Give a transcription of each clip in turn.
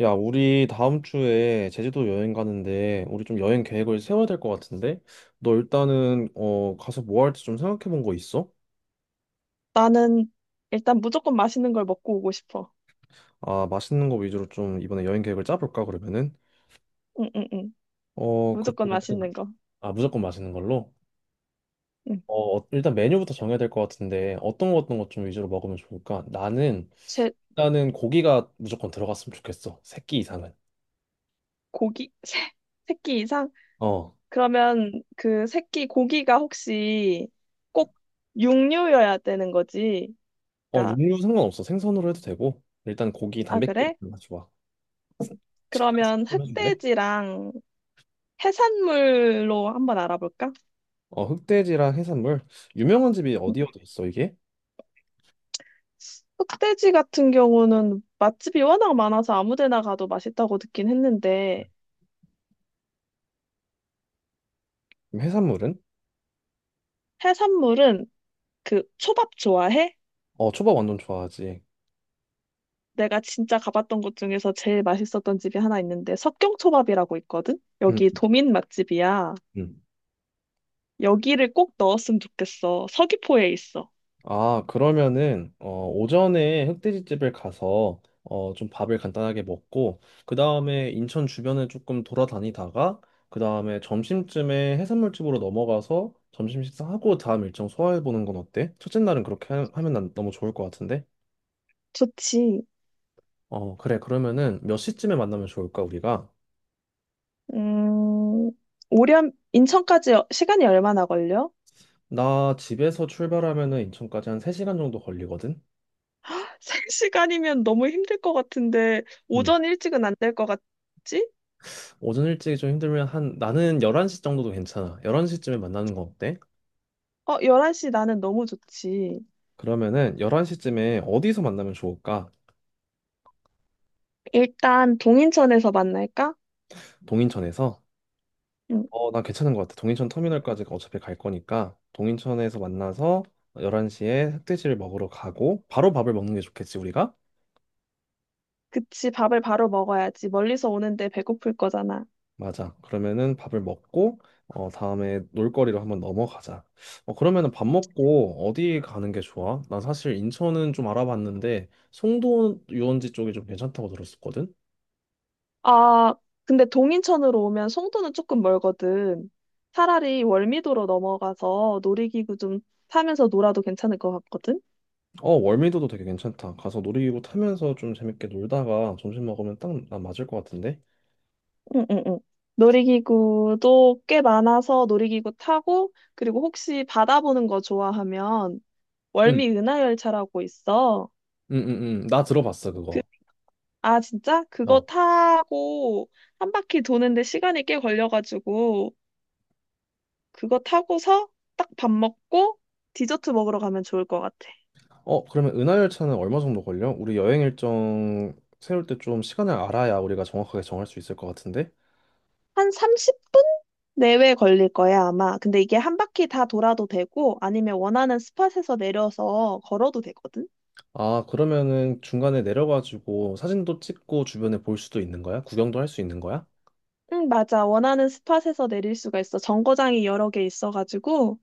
야, 우리 다음 주에 제주도 여행 가는데 우리 좀 여행 계획을 세워야 될 것 같은데 너 일단은 가서 뭐 할지 좀 생각해 본 거 있어? 나는 일단 무조건 맛있는 걸 먹고 오고 싶어. 아, 맛있는 거 위주로 좀 이번에 여행 계획을 짜볼까 그러면은. 응, 응, 응. 무조건 맛있는 그러면은. 거. 아, 무조건 맛있는 걸로. 응. 일단 메뉴부터 정해야 될 것 같은데 어떤 거 어떤 것 좀 위주로 먹으면 좋을까? 나는 제 일단은 고기가 무조건 들어갔으면 좋겠어. 새끼 이상은. 고기? 세, 새끼 이상? 어어. 그러면 그 새끼 고기가 혹시 꼭 육류여야 되는 거지? 그러니까, 육류 상관없어. 생선으로 해도 되고. 일단 고기 아, 단백질이 그래? 좋아. 식감 그러면 좀 해줄래? 흑돼지랑 해산물로 한번 알아볼까? 어, 흑돼지랑 해산물. 유명한 집이 응. 어디 어디 있어, 이게? 흑돼지 같은 경우는 맛집이 워낙 많아서 아무 데나 가도 맛있다고 듣긴 했는데, 그럼 해산물은? 해산물은 그 초밥 좋아해? 어, 초밥 완전 좋아하지. 내가 진짜 가봤던 곳 중에서 제일 맛있었던 집이 하나 있는데 석경초밥이라고 있거든? 음. 여기 도민 맛집이야. 음. 여기를 꼭 넣었으면 좋겠어. 서귀포에 있어. 아, 그러면은 오전에 흑돼지집을 가서 좀 밥을 간단하게 먹고 그다음에 인천 주변을 조금 돌아다니다가 그다음에 점심쯤에 해산물집으로 넘어가서 점심 식사하고 다음 일정 소화해 보는 건 어때? 첫째 날은 그렇게 하면 난 너무 좋을 것 같은데. 좋지. 어, 그래. 그러면은 몇 시쯤에 만나면 좋을까, 우리가? 음, 오렴, 인천까지 시간이 얼마나 걸려? 나 집에서 출발하면은 인천까지 한 3시간 정도 걸리거든? 세 시간이면 너무 힘들 것 같은데 음. 오전 일찍은 안 될 것 같지? 오전 일찍이 좀 힘들면 한, 나는 11시 정도도 괜찮아. 11시쯤에 만나는 거 어때? 어, 11시 나는 너무 좋지. 그러면은 11시쯤에 어디서 만나면 좋을까? 일단 동인천에서 만날까? 동인천에서? 응, 어, 나 괜찮은 것 같아. 동인천 터미널까지 어차피 갈 거니까 동인천에서 만나서 11시에 흑돼지를 먹으러 가고 바로 밥을 먹는 게 좋겠지, 우리가? 그치, 밥을 바로 먹어야지. 멀리서 오는데 배고플 거잖아. 맞아. 그러면은 밥을 먹고 다음에 놀거리로 한번 넘어가자. 그러면은 밥 먹고 어디 가는 게 좋아? 난 사실 인천은 좀 알아봤는데 송도 유원지 쪽이 좀 괜찮다고 들었었거든. 아, 근데 동인천으로 오면 송도는 조금 멀거든. 차라리 월미도로 넘어가서 놀이기구 좀 타면서 놀아도 괜찮을 것 같거든? 어, 월미도도 되게 괜찮다. 가서 놀이기구 타면서 좀 재밌게 놀다가 점심 먹으면 딱 나 맞을 것 같은데. 응, 응, 응. 놀이기구도 꽤 많아서 놀이기구 타고, 그리고 혹시 바다 보는 거 좋아하면 응, 월미 은하열차라고 있어. 응, 응, 응. 나 들어봤어, 그, 그거. 아, 진짜? 그거 어. 타고 한 바퀴 도는데 시간이 꽤 걸려가지고, 그거 타고서 딱 밥 먹고 디저트 먹으러 가면 좋을 것 같아. 그러면 은하열차는 얼마 정도 걸려? 우리 여행 일정 세울 때 좀 시간을 알아야 우리가 정확하게 정할 수 있을 것 같은데. 한 30분 내외 걸릴 거야, 아마. 근데 이게 한 바퀴 다 돌아도 되고, 아니면 원하는 스팟에서 내려서 걸어도 되거든? 아, 그러면은 중간에 내려가지고 사진도 찍고 주변에 볼 수도 있는 거야? 구경도 할 수 있는 거야? 응, 맞아. 원하는 스팟에서 내릴 수가 있어. 정거장이 여러 개 있어가지고.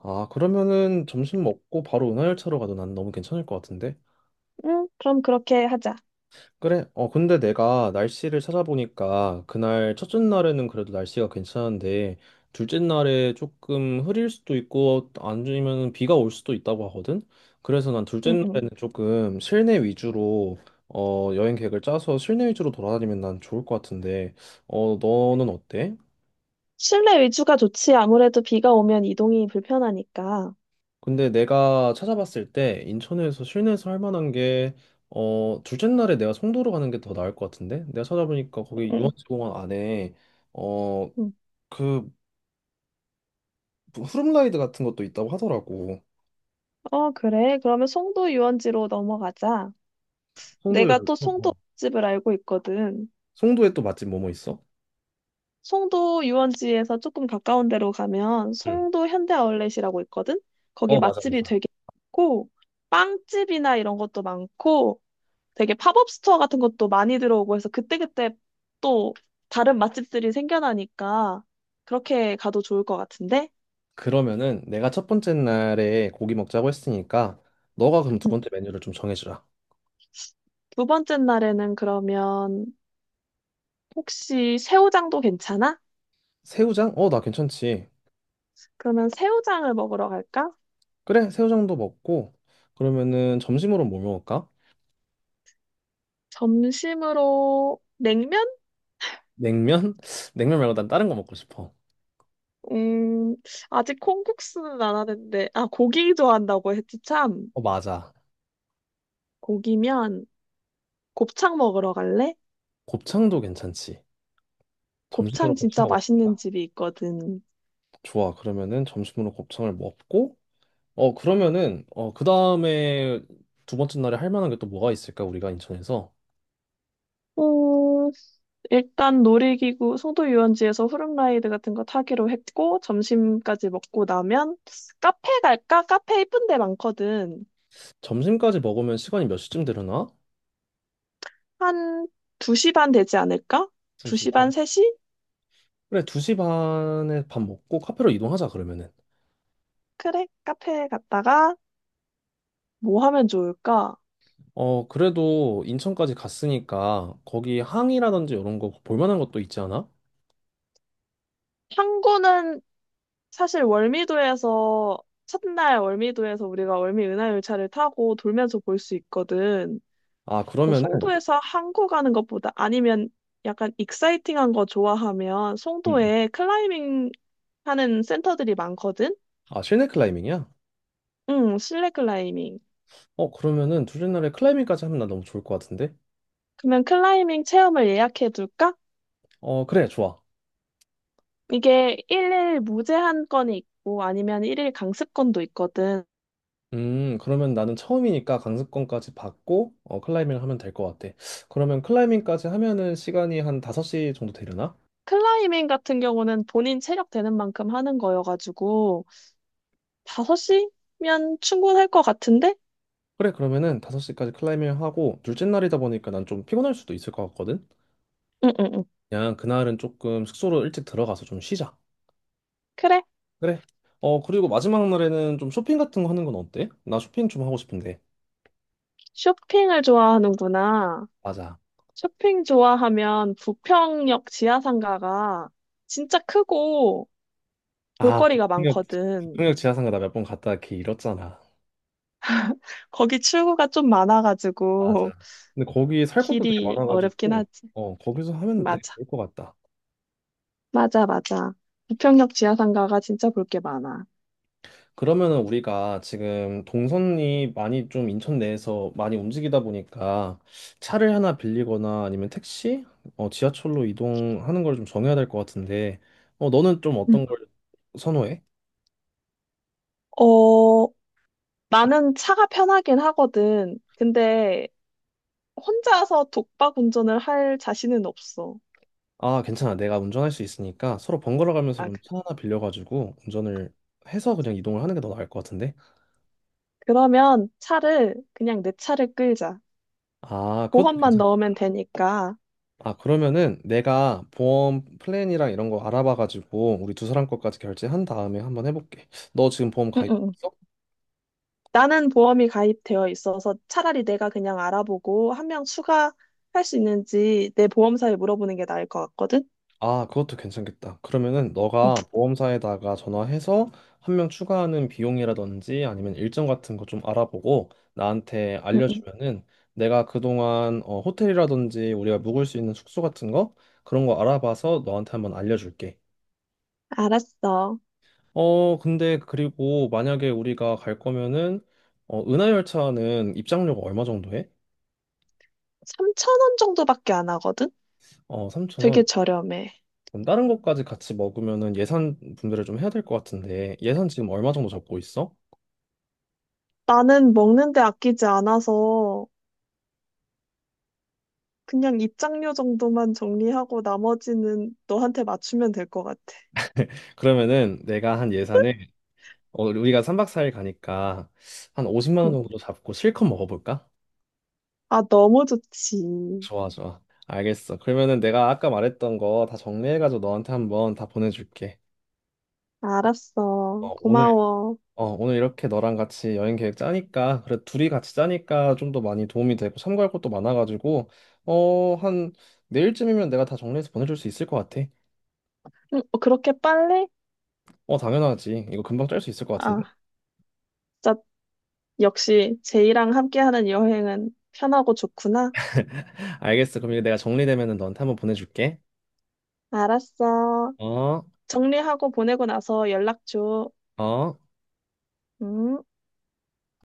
아, 그러면은 점심 먹고 바로 은하열차로 가도 난 너무 괜찮을 것 같은데? 응, 그럼 그렇게 하자. 그래. 근데 내가 날씨를 찾아보니까 그날 첫째 날에는 그래도 날씨가 괜찮은데 둘째 날에 조금 흐릴 수도 있고 아니면 비가 올 수도 있다고 하거든? 그래서 난 둘째 응, 응. 날에는 조금 실내 위주로 여행 계획을 짜서 실내 위주로 돌아다니면 난 좋을 것 같은데. 너는 어때? 실내 위주가 좋지. 아무래도 비가 오면 이동이 불편하니까. 근데 내가 찾아봤을 때 인천에서 실내에서 할 만한 게 둘째 날에 내가 송도로 가는 게 더 나을 것 같은데, 내가 찾아보니까 거기 응, 응. 유원지공원 안에 어, 응. 그 후룸라이드 같은 것도 있다고 하더라고. 어, 그래. 그러면 송도 유원지로 넘어가자. 송도에. 내가 또 송도 어. 집을 알고 있거든. 송도에 또 맛집 뭐뭐 있어? 송도 유원지에서 조금 가까운 데로 가면 응. 송도 현대 아울렛이라고 있거든? 거기 맞아, 맛집이 맞아. 되게 많고, 빵집이나 이런 것도 많고, 되게 팝업 스토어 같은 것도 많이 들어오고 해서 그때그때 또 다른 맛집들이 생겨나니까 그렇게 가도 좋을 것 같은데? 그러면은 내가 첫 번째 날에 고기 먹자고 했으니까 너가 그럼 두 음, 번째 메뉴를 좀 정해주라. 두 번째 날에는 그러면 혹시 새우장도 괜찮아? 새우장? 나 괜찮지. 그러면 새우장을 먹으러 갈까? 그래, 새우장도 먹고 그러면은 점심으로 뭐 먹을까? 점심으로 냉면? 냉면? 냉면 말고 난 다른 거 먹고 싶어. 음, 아직 콩국수는 안 하는데, 아, 고기 좋아한다고 했지, 참. 어, 맞아. 고기면 곱창 먹으러 갈래? 곱창도 괜찮지. 점심으로 곱창 곱창 진짜 맛있는 먹을까? 집이 있거든. 좋아. 그러면은 점심으로 곱창을 먹고, 그러면은, 그 다음에 두 번째 날에 할 만한 게 또 뭐가 있을까, 우리가 인천에서? 어, 일단 놀이기구, 송도 유원지에서 후룸라이드 같은 거 타기로 했고, 점심까지 먹고 나면 카페 갈까? 카페 이쁜 데 많거든. 점심까지 먹으면 시간이 몇 시쯤 되려나? 한 2시 반 되지 않을까? 2시 2시 반, 반. 3시? 그래, 2시 반에 밥 먹고 카페로 이동하자, 그러면은. 그래, 카페 갔다가 뭐 하면 좋을까? 어, 그래도 인천까지 갔으니까 거기 항이라든지 이런 거 볼 만한 것도 있지 않아? 탐구는 사실 월미도에서 첫날 월미도에서 우리가 월미 은하열차를 타고 돌면서 볼 수 있거든. 아, 너 그러면은. 송도에서 항구 가는 것보다 아니면 약간 익사이팅한 거 좋아하면 음. 송도에 클라이밍 하는 센터들이 많거든. 아, 실내 클라이밍이야? 응, 실내 클라이밍. 그러면은 둘째 날에 클라이밍까지 하면 나 너무 좋을 것 같은데? 그러면 클라이밍 체험을 예약해 둘까? 어, 그래, 좋아. 이게 일일 무제한 건이 있고 아니면 일일 강습권도 있거든. 그러면 나는 처음이니까 강습권까지 받고, 클라이밍을 하면 될 것 같아. 그러면 클라이밍까지 하면은 시간이 한 5시 정도 되려나? 클라이밍 같은 경우는 본인 체력 되는 만큼 하는 거여가지고 5시면 충분할 것 같은데? 그래, 그러면은 5시까지 클라이밍 하고, 둘째 날이다 보니까 난 좀 피곤할 수도 있을 것 같거든? 응응응. 그냥 그날은 조금 숙소로 일찍 들어가서 좀 쉬자. 그래. 그래. 그리고 마지막 날에는 좀 쇼핑 같은 거 하는 건 어때? 나 쇼핑 좀 하고 싶은데. 쇼핑을 좋아하는구나. 맞아. 쇼핑 좋아하면 부평역 지하상가가 진짜 크고 아, 볼거리가 많거든. 북풍역 지하상가 나 몇 번 갔다 걔 잃었잖아. 거기 출구가 좀 맞아. 많아가지고 근데 거기 살 것도 되게 길이 어렵긴 많아가지고, 하지. 거기서 하면 되게 맞아. 좋을 것 같다. 맞아, 맞아. 부평역 지하상가가 진짜 볼 게 많아. 그러면은 우리가 지금 동선이 많이 좀 인천 내에서 많이 움직이다 보니까 차를 하나 빌리거나 아니면 택시, 지하철로 이동하는 걸 좀 정해야 될 것 같은데, 너는 좀 음. 어떤 걸 선호해? 어, 나는 차가 편하긴 하거든. 근데 혼자서 독박 운전을 할 자신은 없어. 아, 괜찮아. 내가 운전할 수 있으니까 서로 번갈아 가면서 아, 그럼 차 하나 빌려가지고 운전을 해서 그냥 이동을 하는 게 더 나을 것 같은데? 그러면 차를 그냥 내 차를 끌자. 아, 그것도 보험만 괜찮아. 넣으면 되니까. 아, 그러면은 내가 보험 플랜이랑 이런 거 알아봐가지고 우리 두 사람 것까지 결제한 다음에 한번 해볼게. 너 지금 보험 응, 응, 응. 가입했어? 나는 보험이 가입되어 있어서 차라리 내가 그냥 알아보고 한 명 추가할 수 있는지 내 보험사에 물어보는 게 나을 것 같거든? 아, 그것도 괜찮겠다. 그러면은 응, 너가 보험사에다가 전화해서 한 명 추가하는 비용이라든지 아니면 일정 같은 거 좀 알아보고 나한테 응, 응. 알려주면은 내가 그동안 호텔이라든지 우리가 묵을 수 있는 숙소 같은 거 그런 거 알아봐서 너한테 한번 알려줄게. 알았어. 근데 그리고 만약에 우리가 갈 거면은 은하열차는 입장료가 얼마 정도 해? 3,000원 정도밖에 안 하거든? 어, 3천 되게 원. 저렴해. 그럼 다른 것까지 같이 먹으면은 예산 분배를 좀 해야 될 것 같은데 예산 지금 얼마 정도 잡고 있어? 나는 먹는데 아끼지 않아서 그냥 입장료 정도만 정리하고 나머지는 너한테 맞추면 될 것 같아. 그러면은 내가 한 예산을 우리가 3박 4일 가니까 한 50만 원 응. 정도로 잡고 실컷 먹어볼까? 아, 너무 좋지. 좋아, 좋아. 알겠어. 그러면은 내가 아까 말했던 거 다 정리해가지고 너한테 한번 다 보내줄게. 알았어. 어, 오늘 고마워. 오늘 이렇게 너랑 같이 여행 계획 짜니까, 그래, 둘이 같이 짜니까 좀 더 많이 도움이 되고, 참고할 것도 많아가지고, 어, 한, 내일쯤이면 내가 다 정리해서 보내줄 수 있을 것 같아. 어, 그렇게 빨리? 어, 당연하지. 이거 금방 짤 수 있을 것 같은데. 아, 진짜 역시 제이랑 함께하는 여행은 편하고 좋구나. 알겠어. 그럼 이거 내가 정리되면은 너한테 한번 보내줄게. 알았어. 어, 정리하고 보내고 나서 연락 줘. 어. 음.